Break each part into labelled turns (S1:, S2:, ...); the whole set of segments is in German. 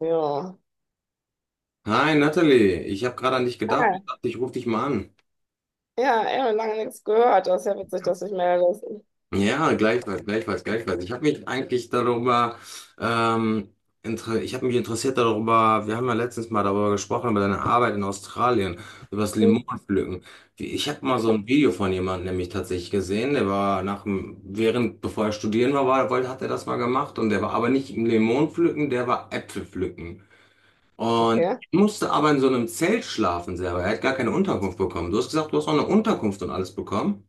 S1: Ja.
S2: Hi Natalie, ich habe gerade an dich gedacht
S1: Ah,
S2: und dachte, ich rufe dich mal an.
S1: ja, ja, lange nichts gehört. Das ist ja witzig, dass ich melde.
S2: Ja, gleichfalls, gleichfalls, gleichfalls. Ich habe mich eigentlich darüber, ähm, inter ich habe mich interessiert darüber, wir haben ja letztens mal darüber gesprochen, über deine Arbeit in Australien, über das Limonenpflücken. Ich habe mal so ein Video von jemandem nämlich tatsächlich gesehen, der war nach dem, während, bevor er studieren war, hat er das mal gemacht und der war aber nicht im Limonenpflücken, der war Äpfelpflücken. Und
S1: Okay.
S2: ich musste aber in so einem Zelt schlafen selber. Er hat gar keine Unterkunft bekommen. Du hast gesagt, du hast auch eine Unterkunft und alles bekommen.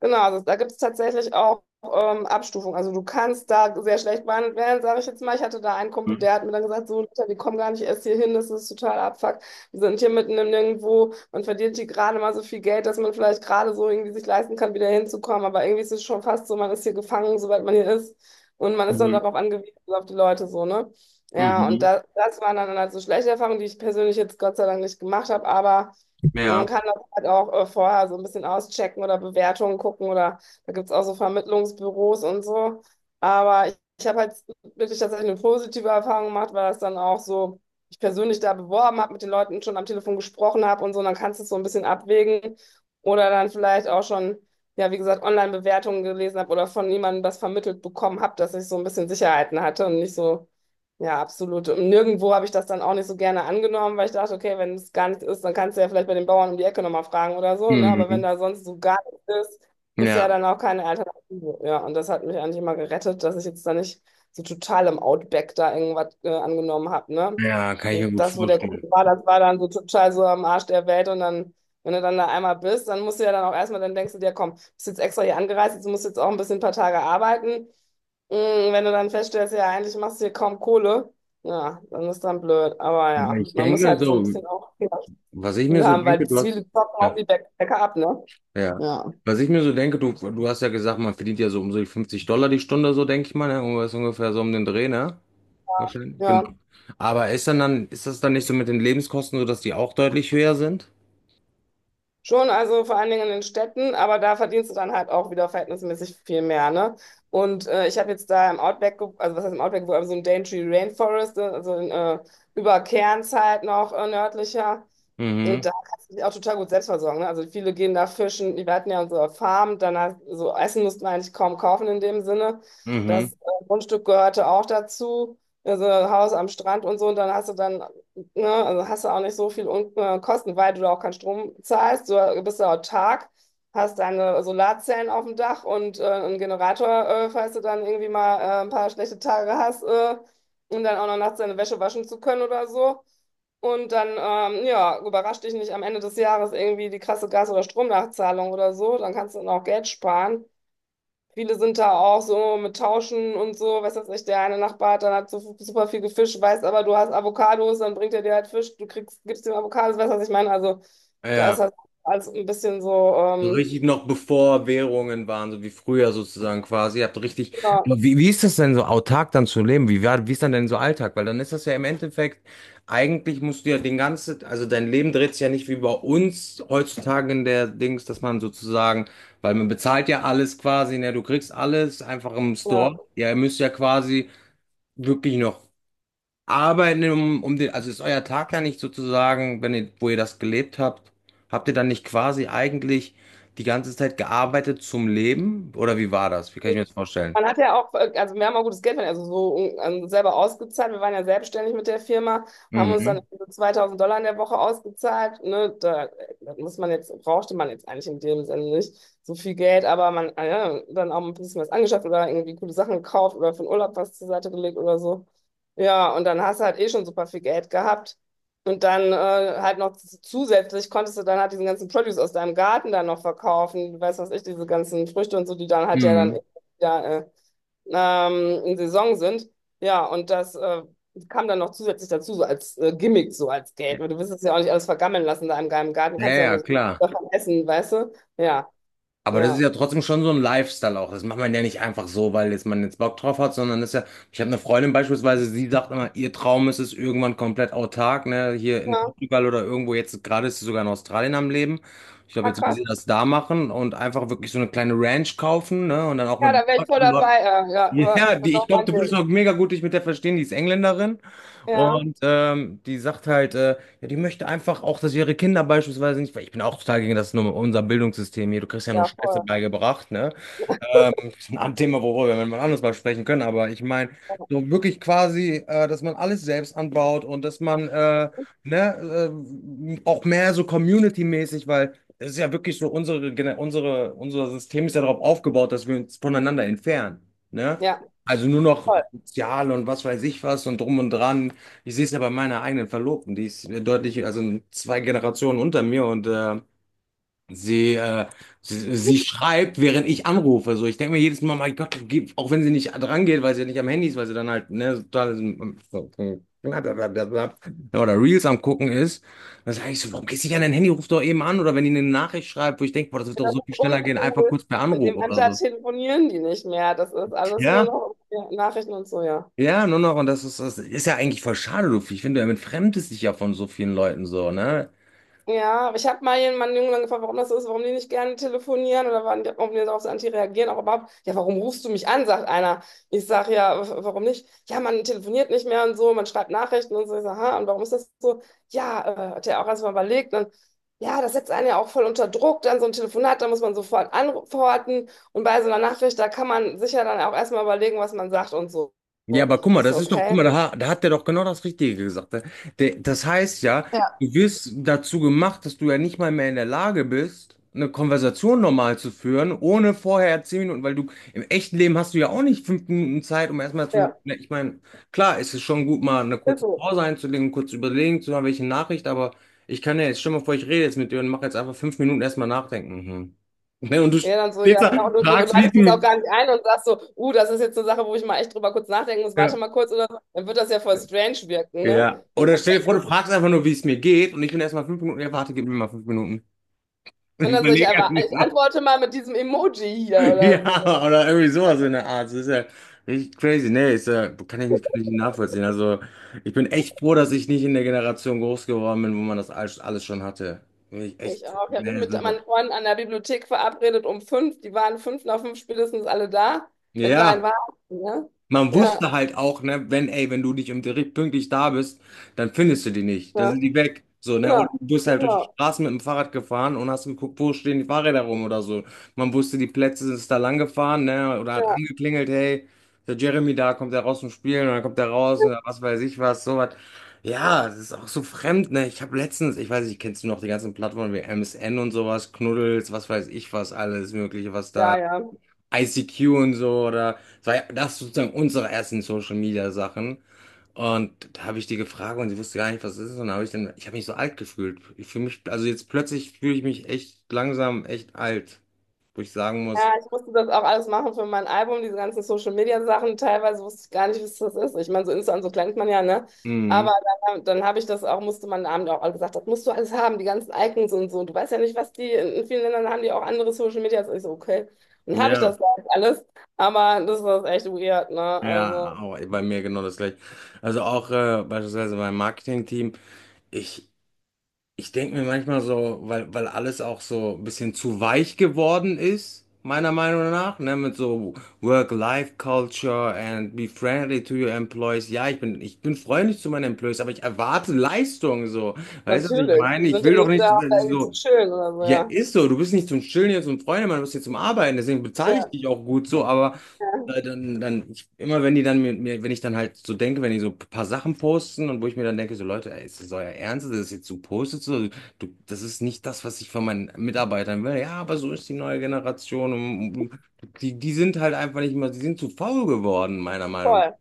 S1: Genau, also da gibt es tatsächlich auch Abstufungen. Also du kannst da sehr schlecht behandelt werden, sage ich jetzt mal. Ich hatte da einen Kumpel,
S2: Mhm.
S1: der hat mir dann gesagt, so Luther, die kommen gar nicht erst hier hin, das ist total Abfuck. Wir sind hier mitten im Nirgendwo, man verdient hier gerade mal so viel Geld, dass man vielleicht gerade so irgendwie sich leisten kann, wieder hinzukommen. Aber irgendwie ist es schon fast so, man ist hier gefangen, sobald man hier ist. Und man ist dann
S2: Mhm.
S1: darauf angewiesen, also auf die Leute so, ne? Ja, und
S2: Mhm.
S1: das waren dann halt so schlechte Erfahrungen, die ich persönlich jetzt Gott sei Dank nicht gemacht habe, aber man
S2: Ja.
S1: kann halt auch vorher so ein bisschen auschecken oder Bewertungen gucken oder da gibt es auch so Vermittlungsbüros und so. Aber ich habe halt wirklich tatsächlich eine positive Erfahrung gemacht, weil das dann auch so, ich persönlich da beworben habe, mit den Leuten schon am Telefon gesprochen habe und so, und dann kannst du es so ein bisschen abwägen oder dann vielleicht auch schon, ja, wie gesagt, Online-Bewertungen gelesen habe oder von jemandem das vermittelt bekommen habe, dass ich so ein bisschen Sicherheiten hatte und nicht so, ja, absolut. Und nirgendwo habe ich das dann auch nicht so gerne angenommen, weil ich dachte, okay, wenn es gar nicht ist, dann kannst du ja vielleicht bei den Bauern um die Ecke nochmal fragen oder so, ne? Aber wenn
S2: Mhm.
S1: da sonst so gar nichts ist, ist ja
S2: Ja.
S1: dann auch keine Alternative. Ja, und das hat mich eigentlich immer gerettet, dass ich jetzt da nicht so total im Outback da irgendwas angenommen habe, ne?
S2: Ja, kann ich mir
S1: Und
S2: gut
S1: das, wo der
S2: vorstellen.
S1: Kuchen war, das war dann so total so am Arsch der Welt, und dann, wenn du dann da einmal bist, dann musst du ja dann auch erstmal, dann denkst du dir, komm, bist jetzt extra hier angereist, jetzt musst du jetzt auch ein bisschen ein paar Tage arbeiten. Wenn du dann feststellst, ja, eigentlich machst du hier kaum Kohle, ja, dann ist dann blöd. Aber
S2: Aber
S1: ja,
S2: ich
S1: man muss
S2: denke
S1: halt so ein
S2: so,
S1: bisschen auch Fehlergefühl
S2: was ich mir so
S1: haben, weil
S2: denke, du hast,
S1: viele zocken
S2: ja,
S1: auch die Bäcker ab, ne?
S2: ja.
S1: Ja.
S2: Was ich mir so denke, du hast ja gesagt, man verdient ja so um so die 50 Dollar die Stunde, so denke ich mal, ne? Irgendwas ungefähr so um den Dreh, ne? Wahrscheinlich. Genau.
S1: Ja,
S2: Aber ist das dann nicht so mit den Lebenskosten so, dass die auch deutlich höher sind?
S1: schon, also vor allen Dingen in den Städten, aber da verdienst du dann halt auch wieder verhältnismäßig viel mehr, ne? Und ich habe jetzt da im Outback, also was heißt im Outback, aber so im Daintree Rainforest, also über Cairns halt noch nördlicher. Und
S2: Mhm.
S1: da kannst du dich auch total gut selbst versorgen. Ne? Also viele gehen da fischen. Wir hatten ja unsere Farm, danach so Essen mussten wir eigentlich kaum kaufen in dem Sinne. Das
S2: Mhm.
S1: Grundstück gehörte auch dazu. Also Haus am Strand und so. Und dann hast du dann, ne, also hast du auch nicht so viel Un Kosten, weil du da auch keinen Strom zahlst. Du bist da autark, hast deine Solarzellen auf dem Dach und einen Generator, falls du dann irgendwie mal ein paar schlechte Tage hast, um dann auch noch nachts deine Wäsche waschen zu können oder so. Und dann, ja, überrascht dich nicht am Ende des Jahres irgendwie die krasse Gas- oder Stromnachzahlung oder so. Dann kannst du dann auch Geld sparen. Viele sind da auch so mit Tauschen und so. Weiß jetzt nicht, der eine Nachbar hat dann hat so super viel gefischt, weiß aber, du hast Avocados, dann bringt er dir halt Fisch, du kriegst, gibst ihm Avocados, weißt du, was ich meine? Also, da ist
S2: Ja.
S1: das alles ein bisschen so,
S2: So richtig noch bevor Währungen waren, so wie früher sozusagen quasi. Ihr habt richtig.
S1: ja,
S2: Aber wie ist das denn so autark dann zu leben? Wie war, wie ist dann denn so Alltag? Weil dann ist das ja im Endeffekt, eigentlich musst du ja den ganzen, also dein Leben dreht sich ja nicht wie bei uns heutzutage in der Dings, dass man sozusagen, weil man bezahlt ja alles quasi, ne, du kriegst alles einfach im Store.
S1: ja.
S2: Ja, ihr müsst ja quasi wirklich noch arbeiten, um, um den, also ist euer Tag ja nicht sozusagen, wenn ihr, wo ihr das gelebt habt, habt ihr dann nicht quasi eigentlich die ganze Zeit gearbeitet zum Leben? Oder wie war das? Wie kann ich mir das vorstellen?
S1: Man hat ja auch, also wir haben auch gutes Geld verdient, also selber ausgezahlt. Wir waren ja selbstständig mit der Firma, haben uns dann
S2: Mhm.
S1: so 2000 Dollar in der Woche ausgezahlt. Ne? Da, das muss man jetzt, brauchte man jetzt eigentlich in dem Sinne nicht so viel Geld, aber man ja, dann auch ein bisschen was angeschafft oder irgendwie coole Sachen gekauft oder für den Urlaub was zur Seite gelegt oder so. Ja, und dann hast du halt eh schon super viel Geld gehabt. Und dann halt noch zusätzlich konntest du dann halt diesen ganzen Produce aus deinem Garten dann noch verkaufen, weiß was ich, diese ganzen Früchte und so, die dann halt ja dann
S2: Mhm.
S1: ja, in Saison sind. Ja, und das kam dann noch zusätzlich dazu, so als Gimmick, so als Geld. Weil du willst es ja auch nicht alles vergammeln lassen da im geheimen Garten. Du
S2: Ja,
S1: kannst ja auch
S2: ja,
S1: nur so
S2: klar.
S1: davon essen, weißt du? Ja,
S2: Aber das ist
S1: ja.
S2: ja trotzdem schon so ein Lifestyle auch. Das macht man ja nicht einfach so, weil jetzt man jetzt Bock drauf hat, sondern das ist ja, ich habe eine Freundin beispielsweise, sie sagt immer, ihr Traum ist es irgendwann komplett autark, ne, hier in
S1: Ja,
S2: Portugal oder irgendwo, jetzt gerade ist sie sogar in Australien am Leben. Ich glaube,
S1: ah,
S2: jetzt will
S1: krass.
S2: sie das da machen und einfach wirklich so eine kleine Ranch kaufen, ne, und dann auch
S1: Ja,
S2: mit
S1: da wäre ich voll
S2: Leuten.
S1: dabei. Ja, ja, aber
S2: Ja,
S1: das ist
S2: die, ich
S1: auch
S2: glaube,
S1: mein
S2: du würdest
S1: Ding.
S2: auch mega gut dich mit der verstehen, die ist Engländerin
S1: Ja,
S2: und die sagt halt, ja, die möchte einfach auch, dass ihre Kinder beispielsweise nicht, weil ich bin auch total gegen das nur unser Bildungssystem hier, du kriegst ja nur
S1: ja,
S2: Scheiße
S1: voll.
S2: beigebracht, ne? Das ist ein Thema, worüber wir mal anders mal sprechen können, aber ich meine, so wirklich quasi, dass man alles selbst anbaut und dass man ne, auch mehr so community-mäßig, weil es ist ja wirklich so, unser System ist ja darauf aufgebaut, dass wir uns voneinander entfernen, ne?
S1: Ja,
S2: Also nur noch
S1: voll.
S2: sozial und was weiß ich was und drum und dran. Ich sehe es ja bei meiner eigenen Verlobten, die ist deutlich, also zwei Generationen unter mir und sie, äh, sie schreibt, während ich anrufe. So, ich denke mir jedes Mal, mein Gott, auch wenn sie nicht dran geht, weil sie ja nicht am Handy ist, weil sie dann halt, ne, total so, oder Reels am gucken ist, dann sage ich so, warum gehst du nicht an dein Handy, ruf doch eben an oder wenn die eine Nachricht schreibt, wo ich denke, boah, das wird doch
S1: Das
S2: so viel
S1: ist
S2: schneller gehen, einfach
S1: uncool.
S2: kurz per
S1: In
S2: Anruf
S1: dem
S2: oder
S1: Alter
S2: so.
S1: telefonieren die nicht mehr. Das ist alles nur
S2: Ja,
S1: noch ja, Nachrichten und so, ja.
S2: ja, nur noch und das ist ja eigentlich voll schade, du. Ich finde, du entfremdest dich ja von so vielen Leuten so, ne?
S1: Ja, aber ich habe mal jemanden einen Jungen dann gefragt, warum das so ist, warum die nicht gerne telefonieren oder warum die darauf so anti reagieren. Auch überhaupt, ja, warum rufst du mich an, sagt einer. Ich sage ja, warum nicht? Ja, man telefoniert nicht mehr und so, man schreibt Nachrichten und so. Ich sage, ha, und warum ist das so? Ja, hat er auch erstmal überlegt. Dann, ja, das setzt einen ja auch voll unter Druck, dann so ein Telefonat, da muss man sofort antworten. Und bei so einer Nachricht, da kann man sicher dann auch erstmal überlegen, was man sagt und so.
S2: Ja, aber guck mal,
S1: Ich so,
S2: das ist doch, guck mal,
S1: okay.
S2: da, da hat der doch genau das Richtige gesagt, ne? Der, das heißt ja,
S1: Ja.
S2: du wirst dazu gemacht, dass du ja nicht mal mehr in der Lage bist, eine Konversation normal zu führen, ohne vorher 10 Minuten, weil du im echten Leben hast du ja auch nicht 5 Minuten Zeit, um erstmal zu,
S1: Ja,
S2: ne, ich meine, klar, es ist schon gut, mal eine
S1: ist
S2: kurze
S1: so.
S2: Pause einzulegen, kurz überlegen zu haben, welche Nachricht, aber ich kann ja jetzt, stell mal vor, ich rede jetzt mit dir und mache jetzt einfach 5 Minuten erstmal nachdenken. Mhm. Ne, und du
S1: Ja, dann so,
S2: stehst
S1: ja,
S2: da,
S1: genau. Und du
S2: fragst, wie es
S1: leitest das auch
S2: mir.
S1: gar nicht ein und sagst so, das ist jetzt eine Sache, wo ich mal echt drüber kurz nachdenken muss, warte
S2: Ja.
S1: mal kurz oder so, dann wird das ja voll strange wirken, ne?
S2: Ja.
S1: Und
S2: Oder
S1: dann
S2: stell dir vor, du
S1: denken,
S2: fragst einfach nur, wie es mir geht und ich bin erstmal 5 Minuten, ja, warte, gib mir mal 5 Minuten. Und
S1: und
S2: ich
S1: dann so, ich,
S2: überlege erst
S1: einfach, ich
S2: noch.
S1: antworte mal mit diesem Emoji hier oder so.
S2: Ja, oder irgendwie sowas in der Art. Das ist ja richtig crazy. Nee, ist ja, kann ich nicht nachvollziehen. Also ich bin echt froh, dass ich nicht in der Generation groß geworden bin, wo man das alles, alles schon hatte. Bin ich echt,
S1: Ich auch. Ich habe mich
S2: nee,
S1: mit
S2: so.
S1: meinen Freunden an der Bibliothek verabredet um 5, die waren 5 nach 5 spätestens alle da. Das war ein
S2: Ja.
S1: Wahnsinn, ne?
S2: Man
S1: Ja,
S2: wusste halt auch, ne, wenn, ey, wenn du nicht um direkt pünktlich da bist, dann findest du die nicht. Dann
S1: ja,
S2: sind die weg. So, ne? Oder
S1: genau,
S2: du bist halt durch die
S1: genau,
S2: Straßen mit dem Fahrrad gefahren und hast geguckt, wo stehen die Fahrräder rum oder so. Man wusste, die Plätze sind da lang gefahren, ne? Oder hat angeklingelt, hey, der Jeremy da, kommt der raus zum Spielen und dann kommt der raus und was weiß ich was, sowas. Ja, das ist auch so fremd, ne? Ich habe letztens, ich weiß nicht, kennst du noch die ganzen Plattformen wie MSN und sowas, Knuddels, was weiß ich was, alles Mögliche, was da.
S1: ja, ja, ja.
S2: ICQ und so oder das ist sozusagen unsere ersten Social Media Sachen. Und da habe ich die gefragt und sie wusste gar nicht, was es ist. Und da habe ich dann, ich habe mich so alt gefühlt. Ich fühle mich, also jetzt plötzlich fühle ich mich echt langsam echt alt, wo ich sagen muss,
S1: Ja, ich musste das auch alles machen für mein Album, diese ganzen Social-Media-Sachen. Teilweise wusste ich gar nicht, was das ist. Ich meine, so Insta und so kennt man ja, ne?
S2: mhm,
S1: Aber dann habe ich das auch, musste man Abend auch alle gesagt, das musst du alles haben, die ganzen Icons und so. Du weißt ja nicht, was die, in vielen Ländern haben die auch andere Social-Medias. Ich so, okay. Dann habe ich
S2: ja,
S1: das da jetzt alles. Aber das ist echt weird, ne?
S2: ja,
S1: Also,
S2: auch bei mir genau das gleiche. Also auch beispielsweise beim Marketing-Team, ich Ich denke mir manchmal so, weil alles auch so ein bisschen zu weich geworden ist, meiner Meinung nach, ne, mit so Work-Life-Culture and be friendly to your employees. Ja, ich bin freundlich zu meinen Employees, aber ich erwarte Leistung, so. Weißt du, was ich
S1: natürlich.
S2: meine?
S1: Die
S2: Ich
S1: sind ja
S2: will doch
S1: nicht
S2: nicht
S1: da, um da irgendwie zu
S2: so,
S1: chillen oder so,
S2: ja,
S1: ja.
S2: ist so. Du bist nicht zum Chillen hier, zum Freundemann, du bist hier zum Arbeiten. Deswegen bezahle ich
S1: Ja,
S2: dich auch gut so. Aber
S1: ja,
S2: dann, dann ich, immer wenn die dann wenn ich dann halt so denke, wenn die so ein paar Sachen posten und wo ich mir dann denke, so Leute, ey, ist das euer Ernst? Das ist jetzt so postet? So, du, das ist nicht das, was ich von meinen Mitarbeitern will. Ja, aber so ist die neue Generation. Und die sind halt einfach nicht mehr, die sind zu faul geworden, meiner Meinung nach.
S1: voll.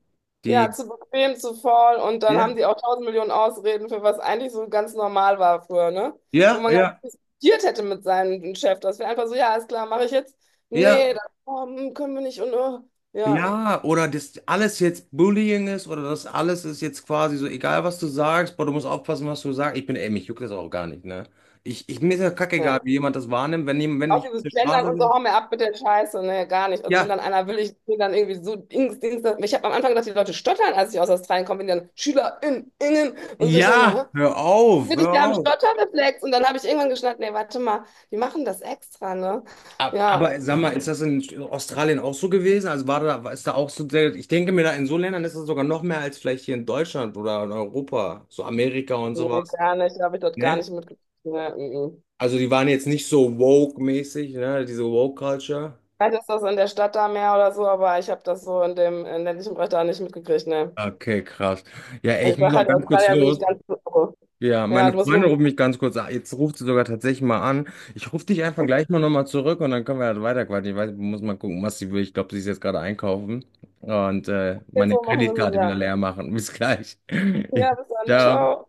S1: Ja,
S2: Die,
S1: zu bequem, zu faul und dann haben
S2: ja,
S1: die auch tausend Millionen Ausreden für was eigentlich so ganz normal war früher, ne? Wo
S2: ja,
S1: man gar
S2: ja,
S1: nicht diskutiert hätte mit seinem Chef. Das wäre einfach so, ja, ist klar, mache ich jetzt. Nee,
S2: ja.
S1: das oh, hm, können wir nicht und oh. Ja,
S2: Ja, oder dass alles jetzt Bullying ist oder das alles ist jetzt quasi so, egal was du sagst, boah, du musst aufpassen, was du sagst. Ich bin, ey, mich juckt das auch gar nicht, ne? Mir ist ja kackegal,
S1: ja.
S2: wie jemand das wahrnimmt, wenn
S1: Auch
S2: ich auf der
S1: dieses Gendern
S2: Straße
S1: und so,
S2: bin.
S1: hau mir ab mit der Scheiße. Nee, gar nicht. Also wenn
S2: Ja,
S1: dann einer will, ich bin dann irgendwie so Dings, Dings. Ich habe am Anfang gedacht, die Leute stottern, als ich aus Australien komme, wenn die dann SchülerInnen Ingen und so. Ich denke mal,
S2: ja,
S1: hä?
S2: hör auf,
S1: Wirklich,
S2: hör
S1: die haben
S2: auf.
S1: Stotterreflex und dann habe ich irgendwann geschnallt, nee, warte mal, die machen das extra, ne? Ja,
S2: Aber sag mal, ist das in Australien auch so gewesen? Also war da, ist da auch so, ich denke mir da in so Ländern ist das sogar noch mehr als vielleicht hier in Deutschland oder in Europa, so Amerika und
S1: nee,
S2: sowas,
S1: gar nicht, habe ich dort gar
S2: ne?
S1: nicht mitgekriegt. Nee, mhm.
S2: Also die waren jetzt nicht so woke-mäßig, ne? Diese Woke-Culture.
S1: Vielleicht ist das in der Stadt da mehr oder so, aber ich habe das so in dem ländlichen Bereich da nicht mitgekriegt, ne.
S2: Okay, krass. Ja, ey,
S1: Also
S2: ich
S1: ich
S2: muss
S1: sage
S2: auch
S1: halt,
S2: ganz kurz
S1: Australier bin ich
S2: los.
S1: ganz so.
S2: Ja,
S1: Ja,
S2: meine
S1: du musst los.
S2: Freundin ruft mich ganz kurz an. Jetzt ruft sie sogar tatsächlich mal an. Ich rufe dich einfach gleich mal nochmal zurück und dann können wir halt weiterquatschen. Ich weiß, ich muss mal gucken, was sie will. Ich glaube, sie ist jetzt gerade einkaufen und
S1: Jetzt
S2: meine
S1: so machen wir so,
S2: Kreditkarte wieder
S1: ja.
S2: leer machen. Bis gleich.
S1: Ja, bis dann,
S2: Ciao.
S1: ciao.